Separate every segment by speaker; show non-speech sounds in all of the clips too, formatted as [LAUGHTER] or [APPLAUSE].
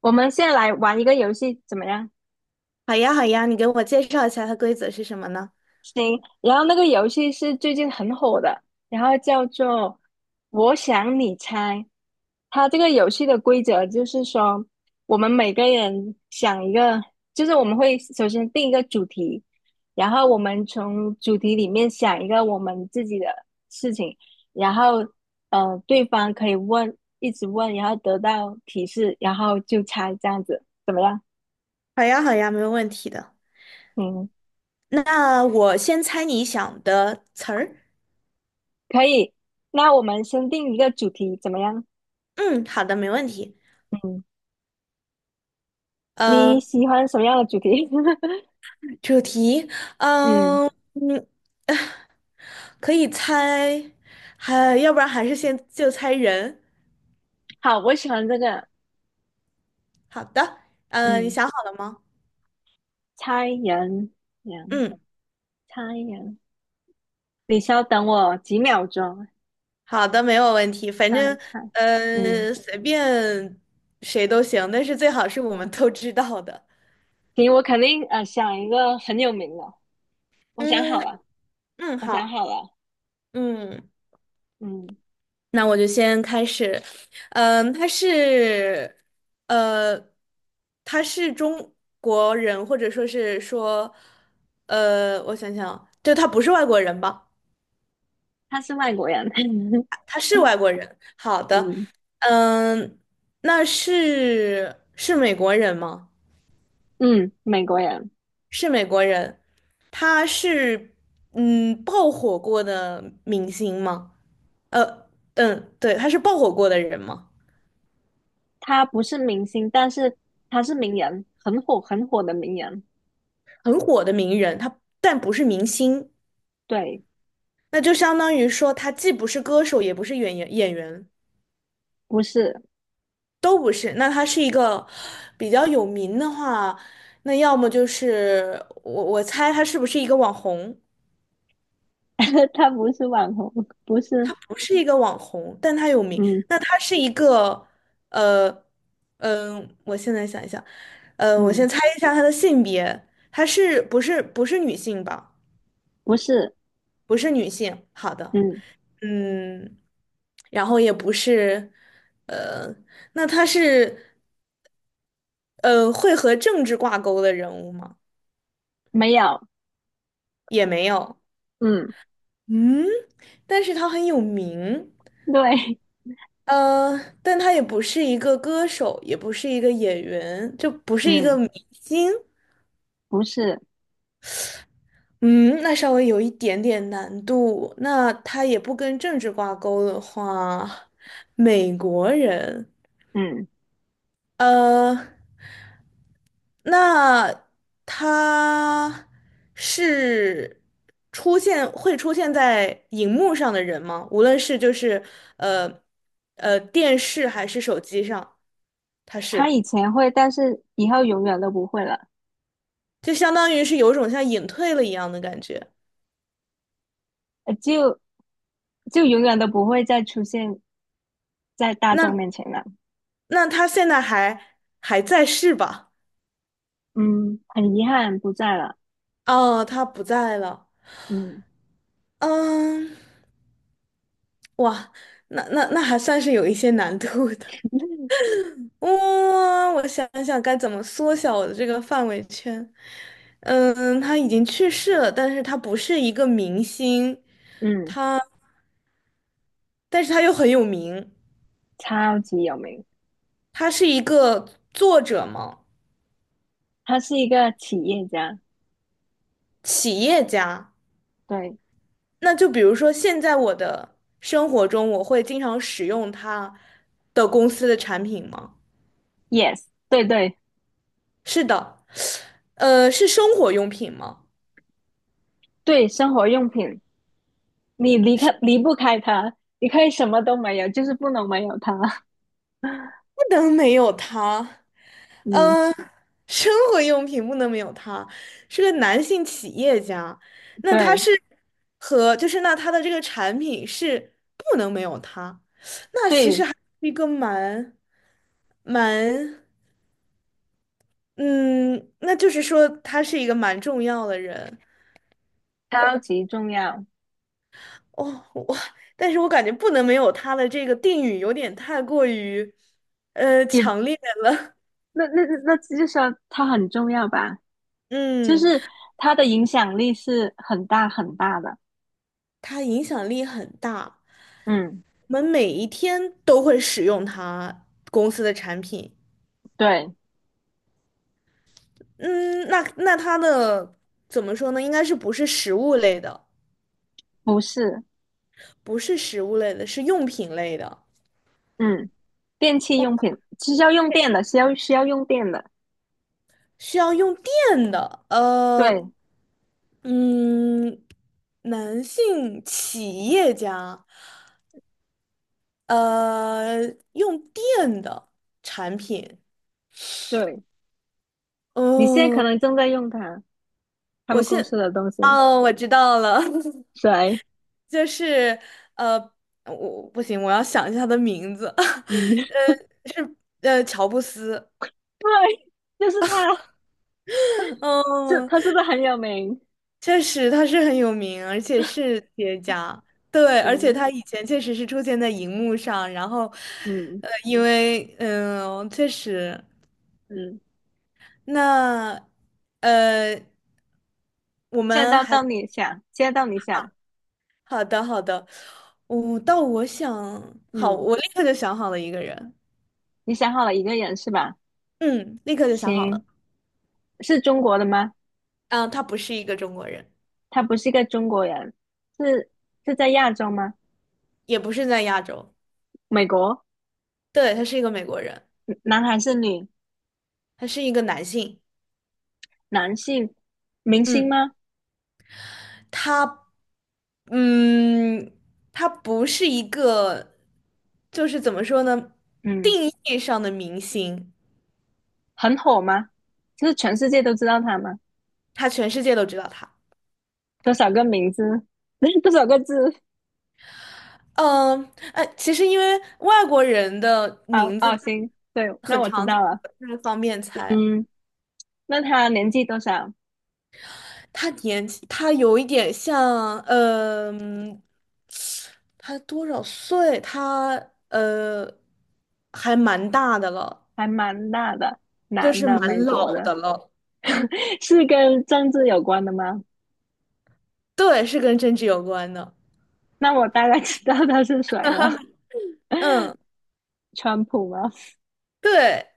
Speaker 1: 我们现在来玩一个游戏，怎么样？
Speaker 2: 好呀，好呀，你给我介绍一下它规则是什么呢？
Speaker 1: 行，然后那个游戏是最近很火的，然后叫做“我想你猜”。它这个游戏的规则就是说，我们每个人想一个，就是我们会首先定一个主题，然后我们从主题里面想一个我们自己的事情，然后对方可以问，一直问，然后得到提示，然后就猜这样子，怎么样？
Speaker 2: 好呀，好呀，没有问题的。
Speaker 1: 嗯。
Speaker 2: 那我先猜你想的词儿。
Speaker 1: 可以，那我们先定一个主题怎么样？
Speaker 2: 嗯，好的，没问题。
Speaker 1: 嗯，你
Speaker 2: 呃，
Speaker 1: 喜欢什么样的主题？[LAUGHS]
Speaker 2: 主题，
Speaker 1: 嗯，
Speaker 2: 嗯嗯，呃可以猜，还要不然还是先就猜人。
Speaker 1: 好，我喜欢这个。
Speaker 2: 好的，你
Speaker 1: 嗯，
Speaker 2: 想好了吗？
Speaker 1: 猜人，人，
Speaker 2: 嗯，
Speaker 1: 猜人。你稍等我几秒钟，
Speaker 2: 好的，没有问题。反
Speaker 1: 猜
Speaker 2: 正
Speaker 1: 猜。嗯，
Speaker 2: 随便谁都行，但是最好是我们都知道的。
Speaker 1: 行，我肯定想一个很有名的。我想好
Speaker 2: 嗯
Speaker 1: 了，
Speaker 2: 嗯，
Speaker 1: 我想
Speaker 2: 好。
Speaker 1: 好了。
Speaker 2: 嗯，
Speaker 1: 嗯，
Speaker 2: 那我就先开始。嗯，呃，他是中国人，或者说,我想想啊，就他不是外国人吧？
Speaker 1: 他是外国人。[LAUGHS]
Speaker 2: 他是外国人。好的，
Speaker 1: 嗯。
Speaker 2: 嗯，那是美国人吗？
Speaker 1: 嗯，美国人。
Speaker 2: 是美国人。他是嗯爆火过的明星吗？呃，对，他是爆火过的人吗？
Speaker 1: 他不是明星，但是他是名人，很火很火的名人。
Speaker 2: 很火的名人，他但不是明星。
Speaker 1: 对。
Speaker 2: 那就相当于说，他既不是歌手，也不是演员，
Speaker 1: 不是。
Speaker 2: 都不是。那他是一个比较有名的话，那要么就是我猜他是不是一个网红？
Speaker 1: [LAUGHS] 他不是网红，不是。
Speaker 2: 他不是一个网红，但他有名。
Speaker 1: 嗯。
Speaker 2: 那他是一个呃我现在想一想，呃，我
Speaker 1: 嗯，
Speaker 2: 先猜一下他的性别，他不是女性吧？
Speaker 1: 不是。
Speaker 2: 不是女性。好的，
Speaker 1: 嗯，
Speaker 2: 嗯，然后也不是，呃，那他是。会和政治挂钩的人物吗？
Speaker 1: 没有。
Speaker 2: 也没有。
Speaker 1: 嗯，
Speaker 2: 嗯，但是他很有名。
Speaker 1: 对。
Speaker 2: 呃，但他也不是一个歌手，也不是一个演员，就不是一个
Speaker 1: 嗯，
Speaker 2: 明星。
Speaker 1: 不是。
Speaker 2: 嗯，那稍微有一点点难度。那他也不跟政治挂钩的话，美国人。
Speaker 1: 嗯，
Speaker 2: 呃。那他是会出现在荧幕上的人吗？无论是呃电视还是手机上，他
Speaker 1: 他
Speaker 2: 是
Speaker 1: 以前会，但是以后永远都不会了，
Speaker 2: 就相当于是有种像隐退了一样的感觉。
Speaker 1: 呃就就永远都不会再出现在大众
Speaker 2: 那
Speaker 1: 面前了。
Speaker 2: 那他现在还在世吧？
Speaker 1: 嗯，很遗憾不在了。
Speaker 2: 哦，他不在了。
Speaker 1: 嗯。
Speaker 2: 嗯，哇，那还算是有一些难度的。
Speaker 1: [LAUGHS]
Speaker 2: 哇，我想想该怎么缩小我的这个范围圈。嗯，他已经去世了，但是他不是一个明星，
Speaker 1: 嗯，
Speaker 2: 但是他又很有名。
Speaker 1: 超级有名，
Speaker 2: 他是一个作者嘛，
Speaker 1: 他是一个企业家。
Speaker 2: 企业家。
Speaker 1: 对
Speaker 2: 那就比如说，现在我的生活中，我会经常使用他的公司的产品吗？
Speaker 1: ，yes，对对
Speaker 2: 是的，是生活用品吗？
Speaker 1: 对，生活用品，你离不开他，你可以什么都没有，就是不能没有他。[LAUGHS]
Speaker 2: 不能没有他。
Speaker 1: 嗯，
Speaker 2: 生活用品不能没有他，是个男性企业家，那他
Speaker 1: 对
Speaker 2: 是 [LAUGHS] 和就是那他的这个产品是不能没有他，
Speaker 1: 对，
Speaker 2: 一个蛮嗯，那就是说他是一个蛮重要的人
Speaker 1: 超级重要，
Speaker 2: 哦，但是我感觉不能没有他的这个定语有点太过于
Speaker 1: 也
Speaker 2: 强烈了，
Speaker 1: 那那那那就说他很重要吧，
Speaker 2: [LAUGHS]
Speaker 1: 就
Speaker 2: 嗯，
Speaker 1: 是他的影响力是很大很大的。
Speaker 2: 他影响力很大，
Speaker 1: 嗯，
Speaker 2: 我们每一天都会使用他公司的产品。
Speaker 1: 对，
Speaker 2: 嗯，那它的怎么说呢？应该是不是食物类的，
Speaker 1: 不是。
Speaker 2: 不是食物类的，是用品类的，
Speaker 1: 嗯，电器用品是要用电的，需要用电的。
Speaker 2: 需要用电的。
Speaker 1: 对
Speaker 2: 呃，嗯，男性企业家，呃，用电的产品。
Speaker 1: 对，你现在可
Speaker 2: 哦，
Speaker 1: 能正在用它，他
Speaker 2: 我
Speaker 1: 们公司
Speaker 2: 现，
Speaker 1: 的东西。
Speaker 2: 哦，我知道了，[LAUGHS]
Speaker 1: 谁？
Speaker 2: 就是呃，我不行，我要想一下他的名字，
Speaker 1: 嗯。[LAUGHS]
Speaker 2: [LAUGHS] 是乔布斯。
Speaker 1: 对，就是他。是
Speaker 2: 哦。
Speaker 1: 他是不是很有名？
Speaker 2: 确实他是很有名，而且是 [LAUGHS] 企业家。对，而且
Speaker 1: 嗯。
Speaker 2: 他以前确实是出现在荧幕上，然后，
Speaker 1: 嗯。
Speaker 2: 因为确实，
Speaker 1: 嗯，
Speaker 2: 那呃，我
Speaker 1: 现在
Speaker 2: 们
Speaker 1: 到
Speaker 2: 还
Speaker 1: 到你想，现在到你想。
Speaker 2: 好的好的，到我想好，
Speaker 1: 嗯，
Speaker 2: 我立刻就想好了一个人，
Speaker 1: 你想好了一个人是吧？
Speaker 2: 嗯，立刻就想好
Speaker 1: 行，
Speaker 2: 了，
Speaker 1: 是中国的吗？
Speaker 2: 啊，他不是一个中国人，
Speaker 1: 他不是一个中国人。是是在亚洲吗？
Speaker 2: 也不是在亚洲，
Speaker 1: 美国。
Speaker 2: 对，他是一个美国人，
Speaker 1: 嗯，男还是女？
Speaker 2: 他是一个男性，
Speaker 1: 男性。明星
Speaker 2: 嗯。
Speaker 1: 吗？
Speaker 2: 他，嗯，他不是一个，就是怎么说呢，
Speaker 1: 嗯，
Speaker 2: 定义上的明星，
Speaker 1: 很火吗？就是全世界都知道他吗？
Speaker 2: 他全世界都知道他。
Speaker 1: 多少个名字？[LAUGHS] 多少个字？
Speaker 2: 嗯，哎，其实因为外国人的
Speaker 1: 哦
Speaker 2: 名字
Speaker 1: 哦，行，对，
Speaker 2: 他
Speaker 1: 那
Speaker 2: 很
Speaker 1: 我知
Speaker 2: 常见，
Speaker 1: 道了。
Speaker 2: 这个方面猜。
Speaker 1: 嗯，那他年纪多少？
Speaker 2: 他年纪，他有一点像，他多少岁？他呃，还蛮大的了，
Speaker 1: 还蛮大的，
Speaker 2: 就
Speaker 1: 男
Speaker 2: 是
Speaker 1: 的，美
Speaker 2: 蛮
Speaker 1: 国
Speaker 2: 老的
Speaker 1: 的。
Speaker 2: 了。
Speaker 1: [LAUGHS] 是跟政治有关的吗？
Speaker 2: 对，是跟政治有关的。
Speaker 1: 那我大概知道他是谁了，
Speaker 2: 嗯。
Speaker 1: 川普吗
Speaker 2: 对，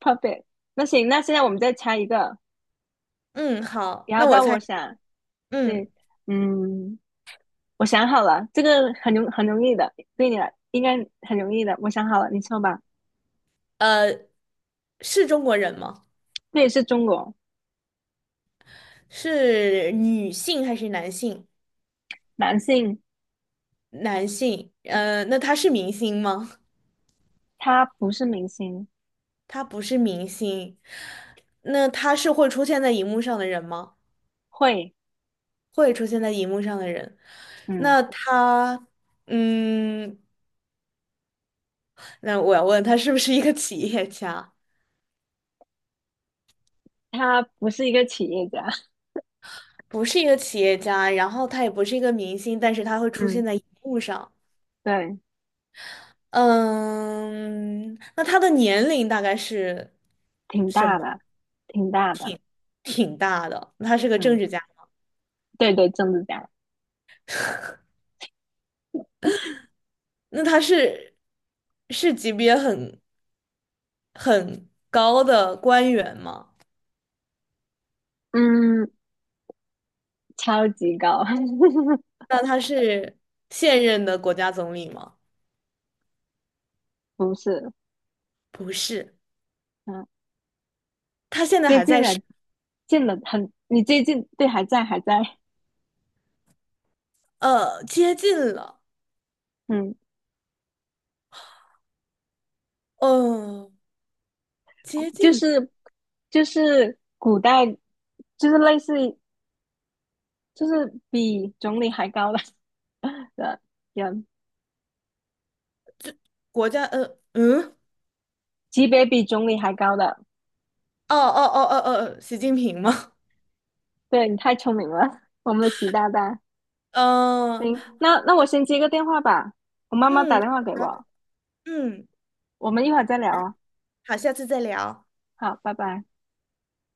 Speaker 1: ？Puppet。那行，那现在我们再猜一个，
Speaker 2: 嗯，好，
Speaker 1: 然后
Speaker 2: 那我
Speaker 1: 到
Speaker 2: 猜，
Speaker 1: 我想。
Speaker 2: 嗯，
Speaker 1: 对。嗯，我想好了，这个很容易的，对你来应该很容易的，我想好了，你说吧。
Speaker 2: 呃，是中国人吗？
Speaker 1: 这也是中国
Speaker 2: 是女性还是男性？
Speaker 1: 男性，
Speaker 2: 男性，那他是明星吗？
Speaker 1: 他不是明星。
Speaker 2: 他不是明星，那他是会出现在荧幕上的人吗？
Speaker 1: 会。
Speaker 2: 会出现在荧幕上的人，
Speaker 1: 嗯，
Speaker 2: 那他，嗯，那我要问他是不是一个企业家？
Speaker 1: 他不是一个企业家。
Speaker 2: 不是一个企业家，然后他也不是一个明星，但是他会出
Speaker 1: 嗯，
Speaker 2: 现在荧幕上。
Speaker 1: [LAUGHS] 对，
Speaker 2: 嗯，那他的年龄大概是
Speaker 1: 挺
Speaker 2: 什么？
Speaker 1: 大的，挺大的。
Speaker 2: 挺大的，他是个政
Speaker 1: 嗯，
Speaker 2: 治家，
Speaker 1: 对对，政治家。
Speaker 2: 那他是是级别很高的官员吗？
Speaker 1: 嗯，超级高。[LAUGHS]
Speaker 2: 那他是现任的国家总理吗？
Speaker 1: 不是。
Speaker 2: 不是，
Speaker 1: 嗯，
Speaker 2: 他现在
Speaker 1: 接
Speaker 2: 还
Speaker 1: 近
Speaker 2: 在世，
Speaker 1: 了，近了很，你接近，对，还在，还在。
Speaker 2: 呃，接近了，
Speaker 1: 嗯，
Speaker 2: 呃，接
Speaker 1: 就
Speaker 2: 近了，
Speaker 1: 是就是古代，就是类似于，就是比总理还高的 [LAUGHS] 的人，
Speaker 2: 国家，呃，嗯，
Speaker 1: 级别比总理还高的。
Speaker 2: 哦哦哦哦哦，习近平吗？
Speaker 1: 对，你太聪明了。[LAUGHS] 我们的习大大。
Speaker 2: [LAUGHS] 嗯、
Speaker 1: 行，那那我先接个电话吧，我妈妈打
Speaker 2: 嗯，
Speaker 1: 电话给
Speaker 2: 然后
Speaker 1: 我，
Speaker 2: 嗯，
Speaker 1: 我们一会儿再聊啊。
Speaker 2: 好，下次再聊。
Speaker 1: 好，拜拜。